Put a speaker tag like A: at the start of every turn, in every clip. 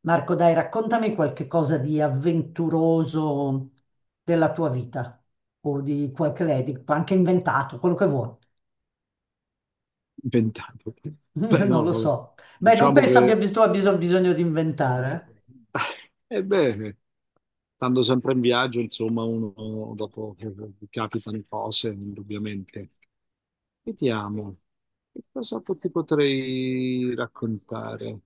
A: Marco, dai, raccontami qualche cosa di avventuroso della tua vita o di qualche lei, anche inventato, quello che vuoi.
B: Inventato. Beh,
A: Non
B: no,
A: lo
B: vabbè.
A: so. Beh, non
B: Diciamo
A: penso
B: che,
A: tu abbia bisogno di inventare.
B: ebbene, stando sempre in viaggio, insomma, uno dopo capitano cose, indubbiamente. Vediamo, che cosa po- ti potrei raccontare?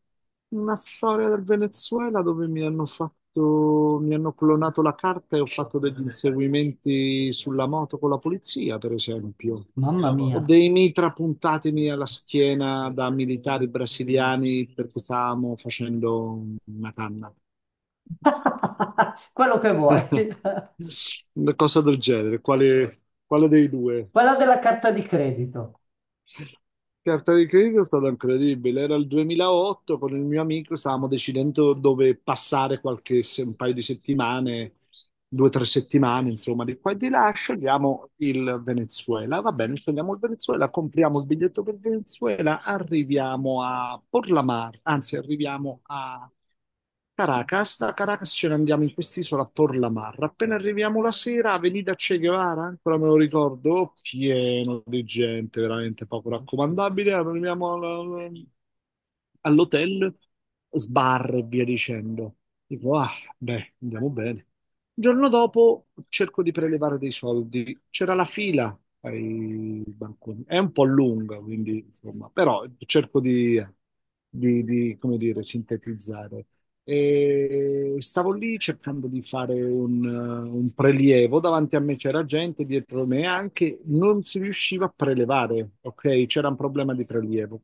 B: Una storia del Venezuela dove mi hanno fatto, mi hanno clonato la carta e ho fatto degli inseguimenti sulla moto con la polizia, per esempio.
A: Eh. Mamma
B: Ho
A: mia.
B: dei mitra puntatemi alla schiena da militari brasiliani perché stavamo facendo una canna.
A: Quello che vuoi.
B: Una cosa del genere, quale, quale dei due?
A: Quella della carta di credito.
B: Carta di credito è stata incredibile. Era il 2008, con il mio amico stavamo decidendo dove passare qualche, se- un paio di settimane, due o tre settimane, insomma, di qua e di là. Scegliamo il Venezuela. Va bene, scegliamo il Venezuela, compriamo il biglietto per Venezuela, arriviamo a Porlamar, anzi, arriviamo a Caracas, da Caracas ce ne andiamo in quest'isola a Por la Marra. Appena arriviamo la sera, Avenida Che Guevara, ancora me lo ricordo, pieno di gente, veramente poco raccomandabile. Arriviamo al- all'hotel, sbar e via dicendo. Dico, ah, beh, andiamo bene. Il giorno dopo cerco di prelevare dei soldi. C'era la fila ai banconi. È un po' lunga, quindi, insomma, però cerco di, come dire, sintetizzare. E stavo lì cercando di fare un prelievo, davanti a me c'era gente, dietro me anche, non si riusciva a prelevare, ok? C'era un problema di prelievo.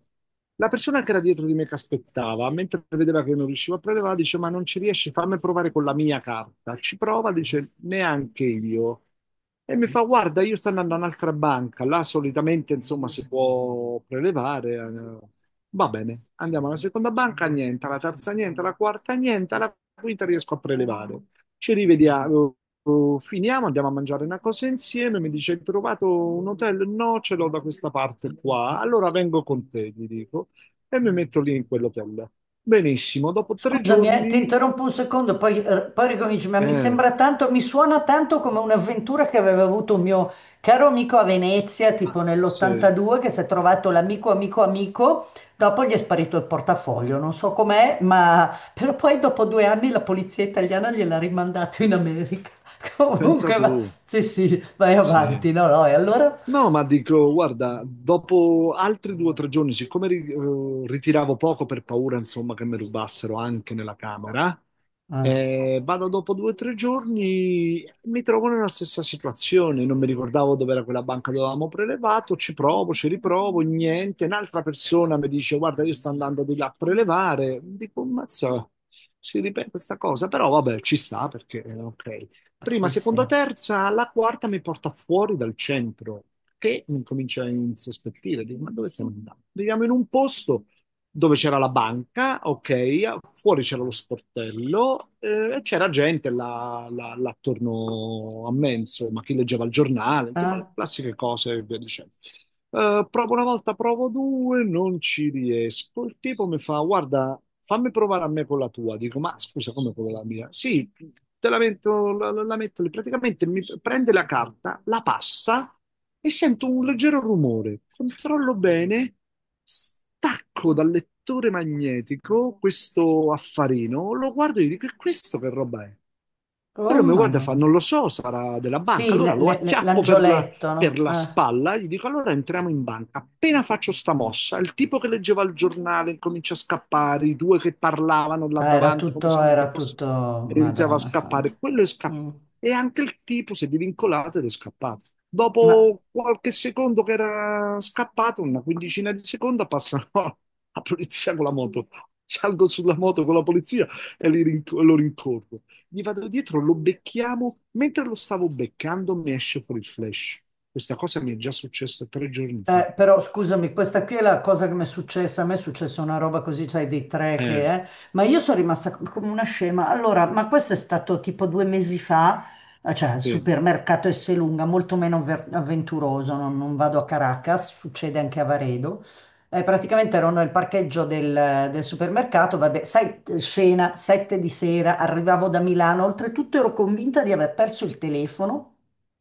B: La persona che era dietro di me che aspettava, mentre vedeva che non riuscivo a prelevare, dice: Ma non ci riesci, fammi provare con la mia carta. Ci prova, dice: Neanche io. E mi fa, guarda, io sto andando a un'altra banca, là solitamente insomma si può prelevare. Va bene, andiamo alla seconda banca, niente, alla terza niente, alla quarta niente, alla quinta riesco a prelevare. Ci rivediamo, finiamo, andiamo a mangiare una cosa insieme, mi dice, hai trovato un hotel? No, ce l'ho da questa parte qua, allora vengo con te, gli dico, e mi metto lì in quell'hotel. Benissimo, dopo tre
A: Scusami, ti
B: giorni...
A: interrompo un secondo, poi, poi ricominci, ma mi
B: Eh,
A: sembra tanto, mi suona tanto come un'avventura che aveva avuto un mio caro amico a Venezia, tipo
B: sì,
A: nell'82, che si è trovato amico, dopo gli è sparito il portafoglio, non so com'è, ma però poi dopo due anni la polizia italiana gliel'ha rimandato in America.
B: pensa
A: Comunque, va...
B: tu,
A: Sì, sì, vai
B: sì.
A: avanti, no, no, e allora...
B: No, ma dico, guarda, dopo altri due o tre giorni, siccome ri- ritiravo poco per paura, insomma, che mi rubassero anche nella camera,
A: Ah,
B: vado dopo due o tre giorni, mi trovo nella stessa situazione, non mi ricordavo dove era quella banca dove avevamo prelevato, ci provo, ci riprovo, niente, un'altra persona mi dice, guarda, io sto andando di là a prelevare, dico, mazza, si ripete sta cosa, però vabbè, ci sta perché, ok. Prima,
A: sì,
B: seconda,
A: sì.
B: terza, la quarta mi porta fuori dal centro e mi comincia a insospettire. Dico, ma dove stiamo andando? Viviamo in un posto dove c'era la banca, ok, fuori c'era lo sportello, c'era gente là, là- là attorno a me, insomma, chi leggeva il giornale, insomma,
A: Ah,
B: classiche cose e via dicendo. Provo una volta, provo due, non ci riesco. Il tipo mi fa: Guarda, fammi provare a me con la tua. Dico: Ma scusa, come con la mia? Sì, te la metto, la, la- la metto lì. Praticamente mi prende la carta, la passa e sento un leggero rumore. Controllo bene, stacco dal lettore magnetico questo affarino, lo guardo e gli dico: E questo che roba è?
A: oh,
B: Quello mi guarda e fa:
A: Madonna.
B: Non lo so, sarà della banca.
A: Sì,
B: Allora lo acchiappo
A: l'angioletto,
B: per
A: no?
B: la
A: Ah.
B: spalla, gli dico allora entriamo in banca. Appena faccio sta mossa, il tipo che leggeva il giornale comincia a scappare, i due che parlavano là davanti come se niente
A: Era
B: fosse,
A: tutto,
B: iniziava a
A: Madonna santa.
B: scappare, quello è
A: Mm.
B: scappato. E anche il tipo si è divincolato ed è scappato.
A: Ma
B: Dopo qualche secondo che era scappato, una quindicina di secondi, passano la polizia con la moto. Salgo sulla moto con la polizia e li rinc- lo rincorro gli vado dietro, lo becchiamo. Mentre lo stavo beccando, mi esce fuori il flash. Questa cosa mi è già successa tre giorni fa.
A: eh, però scusami, questa qui è la cosa che mi è successa. A me è successa una roba così, sai, dei tre che
B: Eh,
A: è, ma io sono rimasta come una scema. Allora, ma questo è stato tipo due mesi fa, cioè al
B: Sì,
A: supermercato Esselunga, molto meno avventuroso. Non vado a Caracas, succede anche a Varedo. Praticamente ero nel parcheggio del supermercato, vabbè, sai, scena, sette di sera, arrivavo da Milano, oltretutto ero convinta di aver perso il telefono.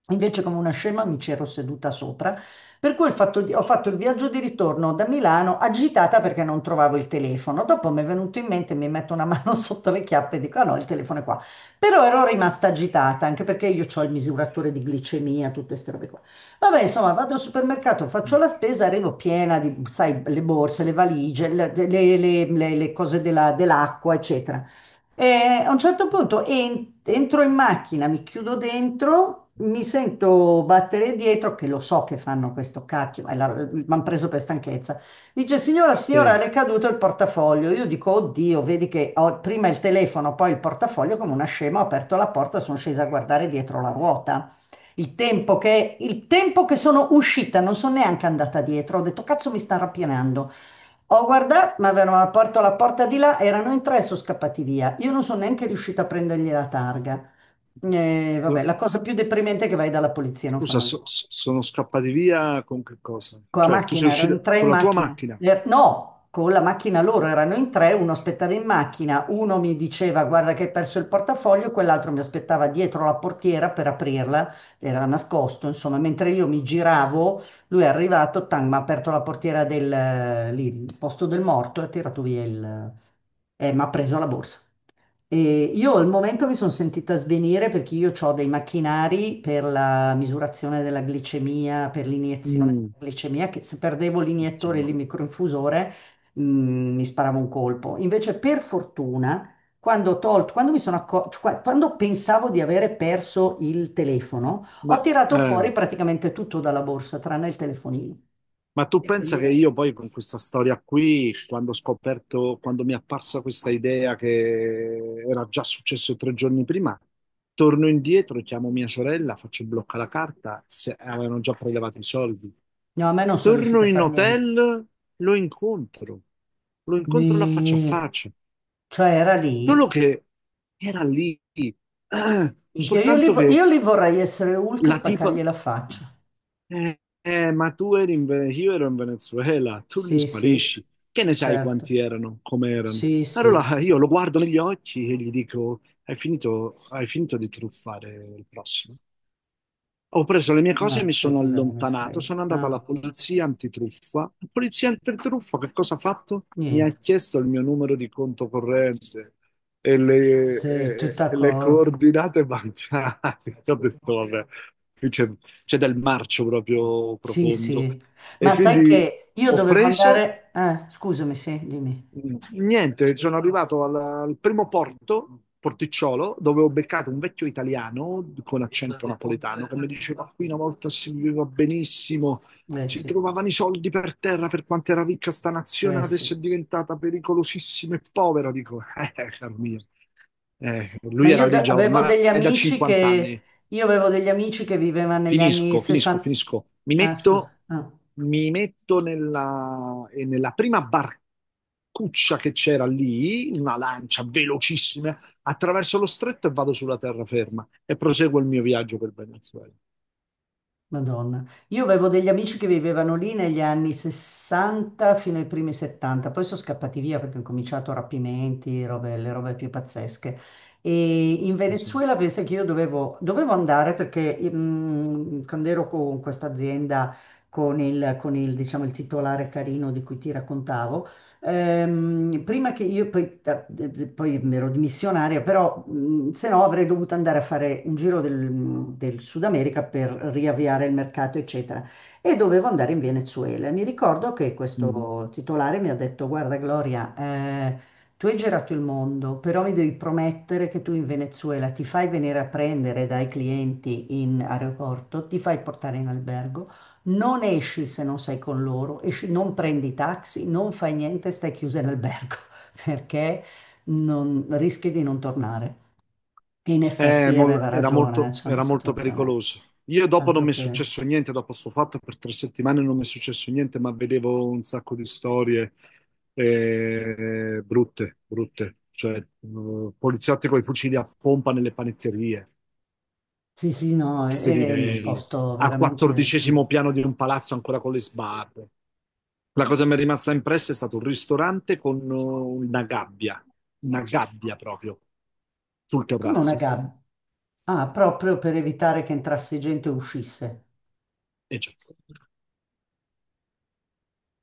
A: Invece, come una scema, mi c'ero seduta sopra, per cui ho fatto, ho fatto il viaggio di ritorno da Milano agitata perché non trovavo il telefono. Dopo mi è venuto in mente, mi metto una mano sotto le chiappe e dico: Ah no, il telefono è qua. Però ero rimasta agitata anche perché io ho il misuratore di glicemia, tutte queste robe qua. Vabbè, insomma, vado al supermercato, faccio la spesa, arrivo piena di, sai, le borse, le valigie, le cose dell'acqua, eccetera. E a un certo punto entro in macchina, mi chiudo dentro, mi sento battere dietro, che lo so che fanno questo cacchio, mi hanno preso per stanchezza. Dice, signora, signora,
B: sì.
A: le è caduto il portafoglio. Io dico, oddio, vedi che ho prima il telefono, poi il portafoglio, come una scema, ho aperto la porta, sono scesa a guardare dietro la ruota. Il tempo che sono uscita, non sono neanche andata dietro, ho detto, cazzo, mi sta rapinando. Ho guardato, ma avevano aperto la porta di là, erano in tre, sono scappati via. Io non sono neanche riuscita a prendergli la targa. Vabbè, la cosa più deprimente è che vai dalla polizia, non
B: Scusa,
A: fanno
B: so- so- sono scappati via con che cosa?
A: con la
B: Cioè, tu sei
A: macchina, ero in
B: uscito
A: tre
B: con
A: in
B: la tua
A: macchina.
B: macchina?
A: No, con la macchina loro erano in tre, uno aspettava in macchina, uno mi diceva guarda che hai perso il portafoglio, quell'altro mi aspettava dietro la portiera per aprirla, era nascosto, insomma, mentre io mi giravo, lui è arrivato, tang, mi ha aperto la portiera del lì, il posto del morto e ha tirato via il... e mi ha preso la borsa. E io al momento mi sono sentita svenire perché io ho dei macchinari per la misurazione della glicemia, per l'iniezione
B: Mm,
A: della glicemia, che se perdevo l'iniettore e
B: insomma,
A: il microinfusore, mi sparavo un colpo. Invece, per fortuna, quando ho tolto, quando mi sono cioè, quando pensavo di avere perso il telefono,
B: ma
A: ho tirato fuori praticamente tutto dalla borsa, tranne il telefonino.
B: ma tu
A: E
B: pensa
A: quindi
B: che io poi con questa storia qui, quando ho scoperto, quando mi è apparsa questa idea che era già successo tre giorni prima, torno indietro, chiamo mia sorella, faccio il blocca la carta, se avevano già prelevato i soldi.
A: no, a me non sono
B: Torno
A: riuscita a
B: in
A: fare niente.
B: hotel, lo incontro, lo incontro la faccia a
A: Nì.
B: faccia.
A: Cioè, era
B: Solo
A: lì.
B: che era lì,
A: Minchia, io lì,
B: soltanto che
A: io lì vorrei essere Hulk e
B: la tipa...
A: spaccargli la faccia.
B: Ma tu eri in, Ve- io ero in Venezuela, tu li
A: Sì, sì,
B: sparisci. Che ne sai
A: certo.
B: quanti erano, come erano?
A: Sì, sì.
B: Allora io lo guardo negli occhi e gli dico, hai finito di truffare il prossimo. Ho preso le mie
A: Ma
B: cose e mi
A: sai
B: sono
A: cosa me ne
B: allontanato.
A: frega?
B: Sono andato
A: Ah,
B: alla polizia antitruffa. La polizia antitruffa che cosa ha fatto? Mi ha
A: niente.
B: chiesto il mio numero di conto corrente
A: Sei tutta
B: e le
A: d'accordo.
B: coordinate bancarie. Ho detto, vabbè, qui c'è c'è del marcio proprio
A: Sì,
B: profondo.
A: sì.
B: E
A: Ma sai
B: quindi
A: che io
B: ho
A: dovevo
B: preso.
A: andare... scusami, sì, dimmi.
B: Mm, niente, sono arrivato al, al primo porto, Porticciolo, dove ho beccato un vecchio italiano con accento napoletano che mi diceva qui una volta si viveva benissimo,
A: Eh
B: si
A: sì,
B: trovavano i soldi per terra per quanto era ricca sta nazione,
A: eh sì.
B: adesso è diventata pericolosissima e povera. Dico, caro mio,
A: Ma
B: lui era lì già
A: avevo
B: ormai
A: degli
B: da
A: amici
B: 50
A: che...
B: anni.
A: Io avevo degli amici che vivevano negli anni
B: Finisco, finisco,
A: 60...
B: finisco.
A: Ah, scusa. Ah.
B: Mi metto nella, nella prima barcuccia che c'era lì, in una lancia velocissima, attraverso lo stretto e vado sulla terraferma e proseguo il mio viaggio per Venezuela.
A: Madonna. Io avevo degli amici che vivevano lì negli anni 60 fino ai primi 70, poi sono scappati via perché hanno cominciato rapimenti, le robe più pazzesche. E in
B: Sì.
A: Venezuela pensa che io dovevo andare perché mm, quando ero con questa azienda, con il, diciamo, il titolare carino di cui ti raccontavo, prima che io poi, poi mi ero dimissionaria, però se no avrei dovuto andare a fare un giro del Sud America per riavviare il mercato, eccetera. E dovevo andare in Venezuela. Mi ricordo che
B: Mm.
A: questo titolare mi ha detto: Guarda, Gloria, tu hai girato il mondo, però mi devi promettere che tu in Venezuela ti fai venire a prendere dai clienti in aeroporto, ti fai portare in albergo. Non esci se non sei con loro, non prendi taxi, non fai niente, stai chiusa in albergo perché rischi di non tornare. E in effetti
B: Mol-
A: aveva ragione, c'è una
B: era molto
A: situazione
B: pericoloso. Io dopo non
A: altro
B: mi è
A: che...
B: successo niente, dopo sto fatto per 3 settimane non mi è successo niente, ma vedevo un sacco di storie brutte, brutte, cioè poliziotti con i fucili a pompa nelle panetterie,
A: Sì, sì, no,
B: sti
A: è un
B: livelli,
A: posto
B: al
A: veramente mm,
B: quattordicesimo piano di un palazzo ancora con le sbarre. La cosa che mi è rimasta impressa è stato un ristorante con una gabbia proprio sul
A: come una
B: terrazzo.
A: gabbia. Ah, proprio per evitare che entrasse gente e uscisse.
B: E già.